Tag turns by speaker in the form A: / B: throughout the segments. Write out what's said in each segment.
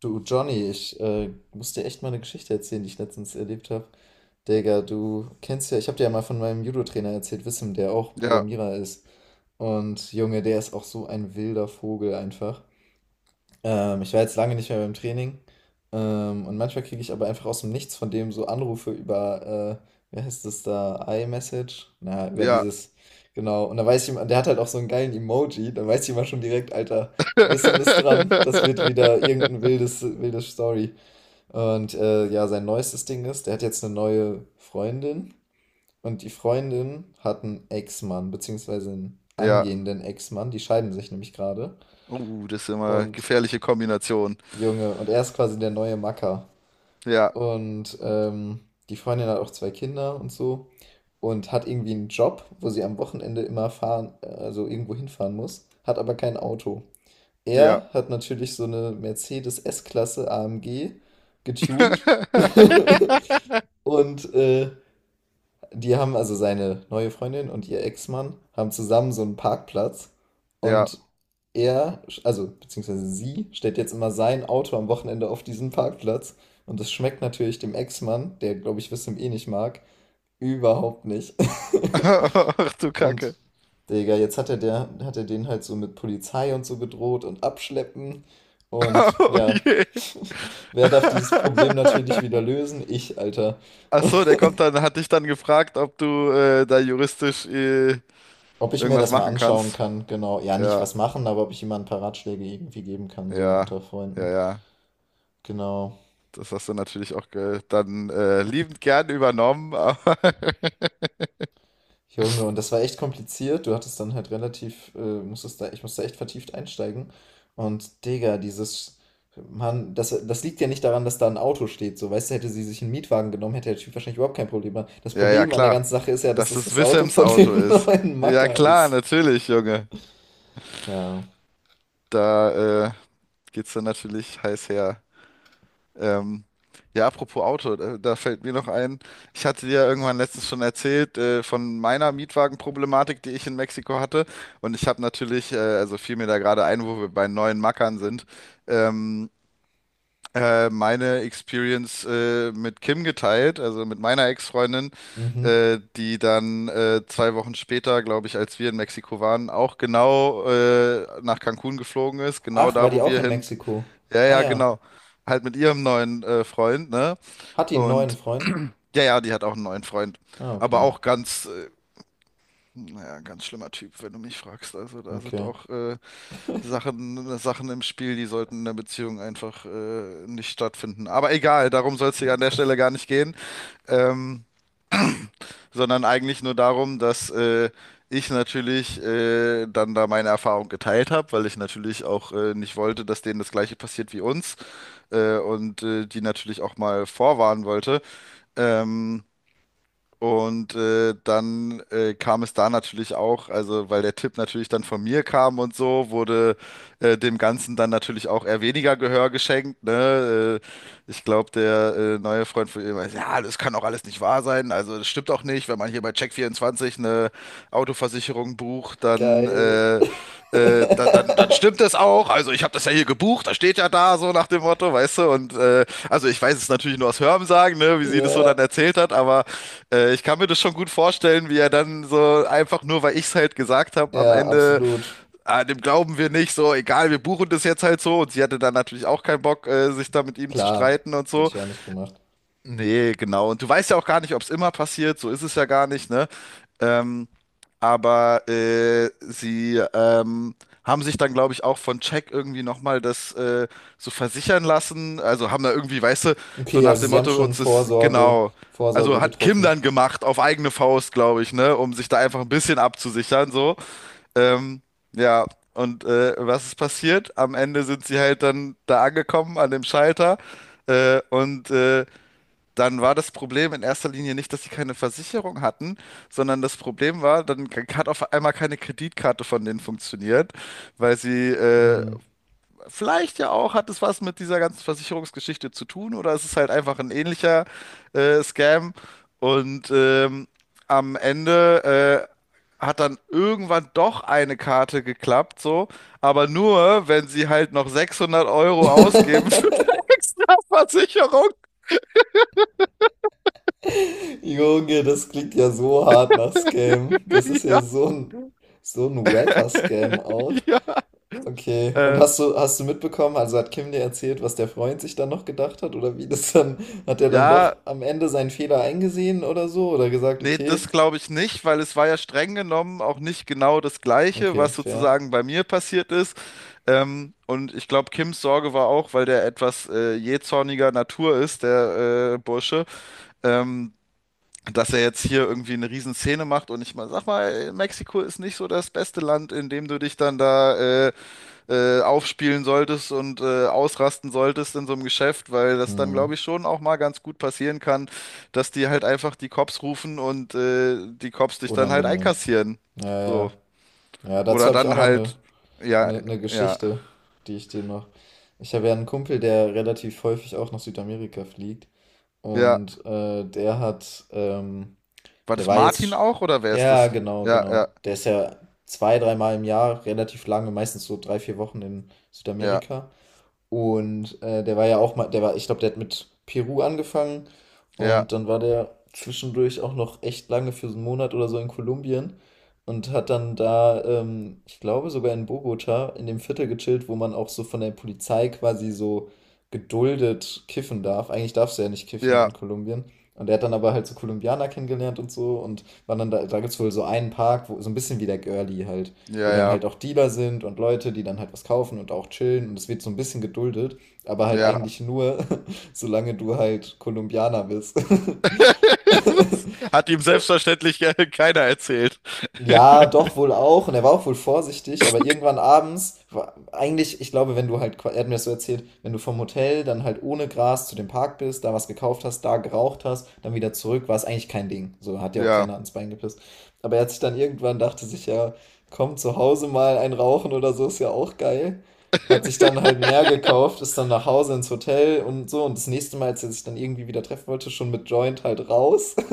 A: Du, Johnny, ich muss dir echt mal eine Geschichte erzählen, die ich letztens erlebt habe. Digga, du kennst ja, ich habe dir ja mal von meinem Judo-Trainer erzählt, Wissam, der auch
B: Ja,
A: Programmierer ist. Und Junge, der ist auch so ein wilder Vogel einfach. Ich war jetzt lange nicht mehr beim Training. Und manchmal kriege ich aber einfach aus dem Nichts von dem so Anrufe über, wie heißt das da, iMessage? Na, über
B: ja,
A: dieses, genau. Und da weiß ich, immer- der hat halt auch so einen geilen Emoji. Da weiß ich immer schon direkt, Alter, Wissen ist dran. Das wird wieder irgendein wildes Story. Und ja, sein neuestes Ding ist, der hat jetzt eine neue Freundin. Und die Freundin hat einen Ex-Mann, beziehungsweise einen
B: ja.
A: angehenden Ex-Mann. Die scheiden sich nämlich gerade.
B: Das ist immer eine
A: Und
B: gefährliche Kombination.
A: Junge, und er ist quasi der neue Macker.
B: Ja,
A: Und ähm, Die Freundin hat auch 2 Kinder und so und hat irgendwie einen Job, wo sie am Wochenende immer also irgendwo hinfahren muss, hat aber kein Auto.
B: ja.
A: Er hat natürlich so eine Mercedes S-Klasse AMG getuned und die haben also seine neue Freundin und ihr Ex-Mann haben zusammen so einen Parkplatz
B: Ja.
A: und er, also beziehungsweise sie, stellt jetzt immer sein Auto am Wochenende auf diesen Parkplatz und das schmeckt natürlich dem Ex-Mann, der glaube ich Wissam eh nicht mag, überhaupt nicht.
B: Ach du
A: Und
B: Kacke.
A: Digga, jetzt hat er den halt so mit Polizei und so bedroht und abschleppen und
B: Oh
A: ja,
B: je.
A: wer darf dieses Problem natürlich wieder lösen? Ich, Alter.
B: Ach so, der kommt dann, hat dich dann gefragt, ob du da juristisch
A: Ob ich mir
B: irgendwas
A: das mal
B: machen
A: anschauen
B: kannst.
A: kann, genau. Ja, nicht
B: Ja,
A: was machen, aber ob ich jemandem ein paar Ratschläge irgendwie geben kann, so
B: ja,
A: unter
B: ja,
A: Freunden.
B: ja.
A: Genau.
B: Das hast du natürlich auch ge dann liebend gern übernommen, aber
A: Junge, und das war echt kompliziert. Du hattest dann halt relativ, musstest da, Ich musste echt vertieft einsteigen. Und Digga, dieses, Mann, das liegt ja nicht daran, dass da ein Auto steht. So, weißt du, hätte sie sich einen Mietwagen genommen, hätte der Typ wahrscheinlich überhaupt kein Problem gehabt. Das
B: Ja, ja,
A: Problem an der
B: klar.
A: ganzen Sache ist ja, dass
B: Dass
A: das
B: es
A: das Auto
B: Wissams
A: von
B: Auto
A: dem
B: ist.
A: neuen
B: Ja,
A: Macker
B: klar,
A: ist.
B: natürlich, Junge.
A: Ja.
B: Da geht's dann natürlich heiß her. Ähm, ja, apropos Auto, da fällt mir noch ein, ich hatte dir ja irgendwann letztens schon erzählt von meiner Mietwagenproblematik, die ich in Mexiko hatte. Und ich habe natürlich, also fiel mir da gerade ein, wo wir bei neuen Mackern sind. Ähm, Meine Experience mit Kim geteilt, also mit meiner Ex-Freundin,
A: Mhm.
B: die dann zwei Wochen später, glaube ich, als wir in Mexiko waren, auch genau nach Cancun geflogen ist, genau
A: Ach, war
B: da,
A: die
B: wo
A: auch
B: wir
A: in
B: hin.
A: Mexiko?
B: Ja,
A: Ah
B: ja,
A: ja.
B: genau. Halt mit ihrem neuen Freund, ne?
A: Hat die einen neuen
B: Und
A: Freund?
B: ja, ja, die hat auch einen neuen Freund.
A: Ah,
B: Aber
A: okay.
B: auch ganz, naja, ganz schlimmer Typ, wenn du mich fragst. Also da sind
A: Okay.
B: auch Sachen im Spiel, die sollten in der Beziehung einfach nicht stattfinden. Aber egal, darum soll es hier an der Stelle gar nicht gehen, ähm, sondern eigentlich nur darum, dass ich natürlich dann da meine Erfahrung geteilt habe, weil ich natürlich auch nicht wollte, dass denen das Gleiche passiert wie uns, und die natürlich auch mal vorwarnen wollte. Ähm, und dann kam es da natürlich auch, also weil der Tipp natürlich dann von mir kam und so, wurde dem Ganzen dann natürlich auch eher weniger Gehör geschenkt, ne? Ich glaube, der neue Freund von ihm meinte, ja, das kann auch alles nicht wahr sein. Also das stimmt auch nicht. Wenn man hier bei Check24 eine Autoversicherung bucht, dann,
A: Geil.
B: äh, äh, dann, dann, dann stimmt das auch. Also ich habe das ja hier gebucht, da steht ja da so nach dem Motto, weißt du. Und also ich weiß es natürlich nur aus Hörensagen, ne, wie sie das so dann
A: Ja,
B: erzählt hat, aber ich kann mir das schon gut vorstellen, wie er dann so einfach nur, weil ich es halt gesagt habe, am
A: ja,
B: Ende
A: absolut.
B: dem glauben wir nicht, so, egal, wir buchen das jetzt halt so. Und sie hatte dann natürlich auch keinen Bock, sich da mit ihm zu
A: Klar.
B: streiten und
A: Hätte
B: so.
A: ich auch nicht gemacht.
B: Nee, genau. Und du weißt ja auch gar nicht, ob es immer passiert, so ist es ja gar nicht, ne? Ähm, aber sie haben sich dann, glaube ich, auch von Jack irgendwie nochmal das so versichern lassen. Also haben da irgendwie, weißt du, so
A: Okay,
B: nach
A: also
B: dem
A: Sie haben
B: Motto,
A: schon
B: uns ist genau.
A: Vorsorge
B: Also hat Kim
A: getroffen.
B: dann gemacht, auf eigene Faust, glaube ich, ne, um sich da einfach ein bisschen abzusichern, so. Ähm, ja, und was ist passiert? Am Ende sind sie halt dann da angekommen an dem Schalter. Und dann war das Problem in erster Linie nicht, dass sie keine Versicherung hatten, sondern das Problem war, dann hat auf einmal keine Kreditkarte von denen funktioniert, weil sie
A: Mhm.
B: vielleicht ja auch, hat es was mit dieser ganzen Versicherungsgeschichte zu tun oder es ist halt einfach ein ähnlicher Scam. Und am Ende hat dann irgendwann doch eine Karte geklappt, so, aber nur, wenn sie halt noch 600 Euro ausgeben für eine extra Versicherung.
A: Junge, das klingt ja so hart nach Scam. Das ist ja
B: Ja,
A: so ein wacker Scam auch.
B: ja.
A: Okay, und
B: Ähm,
A: hast du mitbekommen, also hat Kim dir erzählt, was der Freund sich dann noch gedacht hat oder wie das dann, hat er dann doch
B: ja,
A: am Ende seinen Fehler eingesehen oder so oder gesagt,
B: nee,
A: okay,
B: das glaube ich nicht, weil es war ja streng genommen auch nicht genau das Gleiche,
A: okay,
B: was
A: fair.
B: sozusagen bei mir passiert ist. Und ich glaube, Kims Sorge war auch, weil der etwas jähzorniger Natur ist, der Bursche, ähm, dass er jetzt hier irgendwie eine Riesenszene macht. Und sag mal, Mexiko ist nicht so das beste Land, in dem du dich dann da aufspielen solltest und ausrasten solltest in so einem Geschäft, weil das dann,
A: Hm.
B: glaube ich, schon auch mal ganz gut passieren kann, dass die halt einfach die Cops rufen und die Cops dich dann halt
A: Unangenehm.
B: einkassieren.
A: Ja, ja.
B: So.
A: Ja, ja, dazu
B: Oder
A: habe ich auch
B: dann
A: noch
B: halt, ja,
A: eine
B: ja,
A: Geschichte, die ich dir noch. Ich habe ja einen Kumpel, der relativ häufig auch nach Südamerika fliegt.
B: ja.
A: Und der hat,
B: War
A: der
B: das
A: war jetzt,
B: Martin
A: sch-
B: auch oder wer ist
A: ja,
B: das?
A: genau,
B: Ja, ja,
A: genau. Der ist ja zwei, dreimal im Jahr relativ lange, meistens so 3, 4 Wochen in
B: ja,
A: Südamerika. Und der war ja auch mal, der war, ich glaube, der hat mit Peru angefangen
B: ja,
A: und dann war der zwischendurch auch noch echt lange für so einen Monat oder so in Kolumbien und hat dann da, ich glaube, sogar in Bogota in dem Viertel gechillt, wo man auch so von der Polizei quasi so geduldet kiffen darf. Eigentlich darfst du ja nicht kiffen
B: ja,
A: in Kolumbien. Und er hat dann aber halt so Kolumbianer kennengelernt und so und war dann da, da gibt es wohl so einen Park, wo, so ein bisschen wie der Girlie halt,
B: ja,
A: wo dann
B: ja,
A: halt auch Dealer sind und Leute, die dann halt was kaufen und auch chillen und es wird so ein bisschen geduldet, aber halt
B: ja.
A: eigentlich nur, solange du halt Kolumbianer bist.
B: Das hat ihm selbstverständlich keiner erzählt.
A: Ja, doch wohl auch. Und er war auch wohl vorsichtig, aber irgendwann abends, war, eigentlich, ich glaube, wenn du halt, qua- er hat mir das so erzählt, wenn du vom Hotel dann halt ohne Gras zu dem Park bist, da was gekauft hast, da geraucht hast, dann wieder zurück, war es eigentlich kein Ding. So hat dir auch keiner
B: Ja,
A: ans Bein gepisst. Aber er hat sich dann irgendwann, dachte sich ja, komm, zu Hause mal ein Rauchen oder so, ist ja auch geil. Hat sich dann halt mehr gekauft, ist dann nach Hause ins Hotel und so. Und das nächste Mal, als er sich dann irgendwie wieder treffen wollte, schon mit Joint halt raus.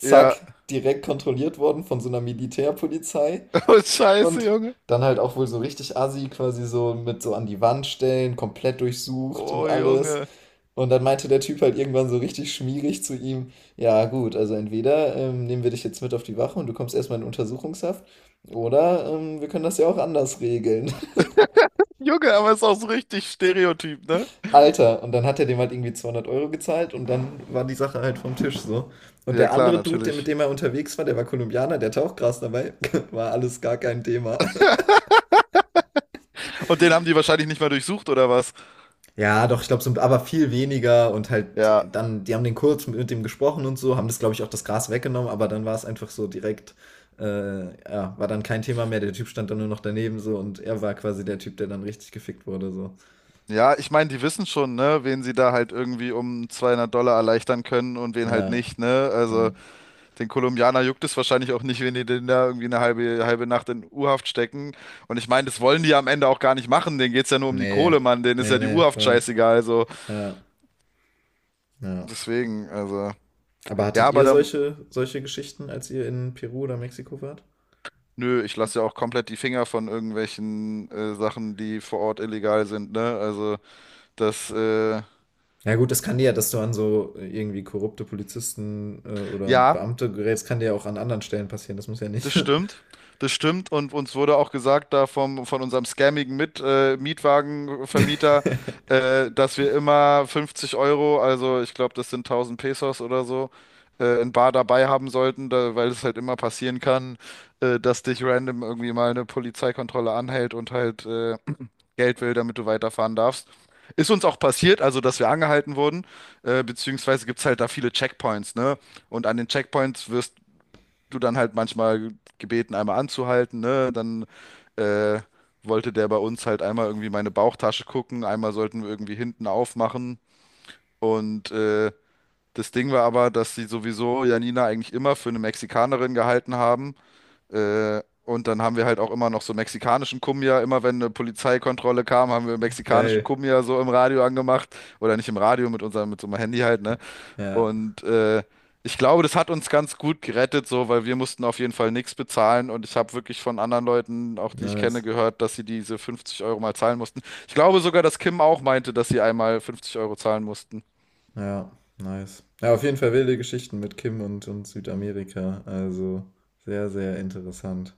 B: ja.
A: direkt kontrolliert worden von so einer Militärpolizei.
B: Oh, scheiße,
A: Und
B: Junge.
A: dann halt auch wohl so richtig assi, quasi so mit so an die Wand stellen, komplett durchsucht
B: Oh,
A: und alles.
B: Junge.
A: Und dann meinte der Typ halt irgendwann so richtig schmierig zu ihm, ja gut, also entweder nehmen wir dich jetzt mit auf die Wache und du kommst erstmal in Untersuchungshaft, oder wir können das ja auch anders regeln.
B: Junge, aber ist auch so richtig Stereotyp, ne?
A: Alter, und dann hat er dem halt irgendwie 200 Euro gezahlt und dann war die Sache halt vom Tisch so. Und
B: Ja,
A: der
B: klar,
A: andere Dude, der- mit
B: natürlich.
A: dem er unterwegs war, der war Kolumbianer, der hatte auch Gras dabei, war alles gar kein Thema.
B: Und den haben die wahrscheinlich nicht mal durchsucht, oder was?
A: Ja, doch, ich glaube, so, aber viel weniger und halt
B: Ja.
A: dann, die haben den kurz mit dem gesprochen und so, haben das, glaube ich, auch das Gras weggenommen, aber dann war es einfach so direkt, äh, ja, war dann kein Thema mehr, der Typ stand dann nur noch daneben so und er war quasi der Typ, der dann richtig gefickt wurde so.
B: Ja, ich meine, die wissen schon, ne, wen sie da halt irgendwie um 200 Dollar erleichtern können und wen halt
A: Ja,
B: nicht, ne? Also,
A: ja.
B: den Kolumbianer juckt es wahrscheinlich auch nicht, wenn die den da irgendwie eine halbe Nacht in U-Haft stecken. Und ich meine, das wollen die am Ende auch gar nicht machen. Denen geht's ja nur um die Kohle,
A: nee,
B: Mann. Denen ist ja die
A: nee,
B: U-Haft
A: voll,
B: scheißegal, also.
A: ja, ja.
B: Deswegen, also.
A: Aber
B: Ja,
A: hattet
B: aber
A: ihr
B: da,
A: solche Geschichten, als ihr in Peru oder Mexiko wart?
B: nö, ich lasse ja auch komplett die Finger von irgendwelchen Sachen, die vor Ort illegal sind, ne? Also das,
A: Na gut, das kann dir ja, dass du an so irgendwie korrupte Polizisten oder
B: ja,
A: Beamte gerätst, kann dir ja auch an anderen Stellen passieren. Das muss ja nicht.
B: das stimmt. Das stimmt. Und uns wurde auch gesagt da von unserem scammigen Mietwagenvermieter, dass wir immer 50 Euro, also ich glaube, das sind 1000 Pesos oder so, in bar dabei haben sollten, da, weil es halt immer passieren kann, dass dich random irgendwie mal eine Polizeikontrolle anhält und halt Geld will, damit du weiterfahren darfst. Ist uns auch passiert, also dass wir angehalten wurden, beziehungsweise gibt es halt da viele Checkpoints, ne? Und an den Checkpoints wirst du dann halt manchmal gebeten, einmal anzuhalten, ne? Dann äh, wollte der bei uns halt einmal irgendwie meine Bauchtasche gucken, einmal sollten wir irgendwie hinten aufmachen. Und das Ding war aber, dass sie sowieso Janina eigentlich immer für eine Mexikanerin gehalten haben, und dann haben wir halt auch immer noch so mexikanischen Cumbia. Immer wenn eine Polizeikontrolle kam, haben wir mexikanischen
A: Geil.
B: Cumbia so im Radio angemacht. Oder nicht im Radio, mit so einem Handy halt, ne?
A: Ja.
B: Und ich glaube, das hat uns ganz gut gerettet, so, weil wir mussten auf jeden Fall nichts bezahlen. Und ich habe wirklich von anderen Leuten, auch die ich kenne,
A: Nice.
B: gehört, dass sie diese 50 Euro mal zahlen mussten. Ich glaube sogar, dass Kim auch meinte, dass sie einmal 50 Euro zahlen mussten.
A: Ja, nice. Ja, auf jeden Fall wilde Geschichten mit Kim und Südamerika. Also sehr, sehr interessant.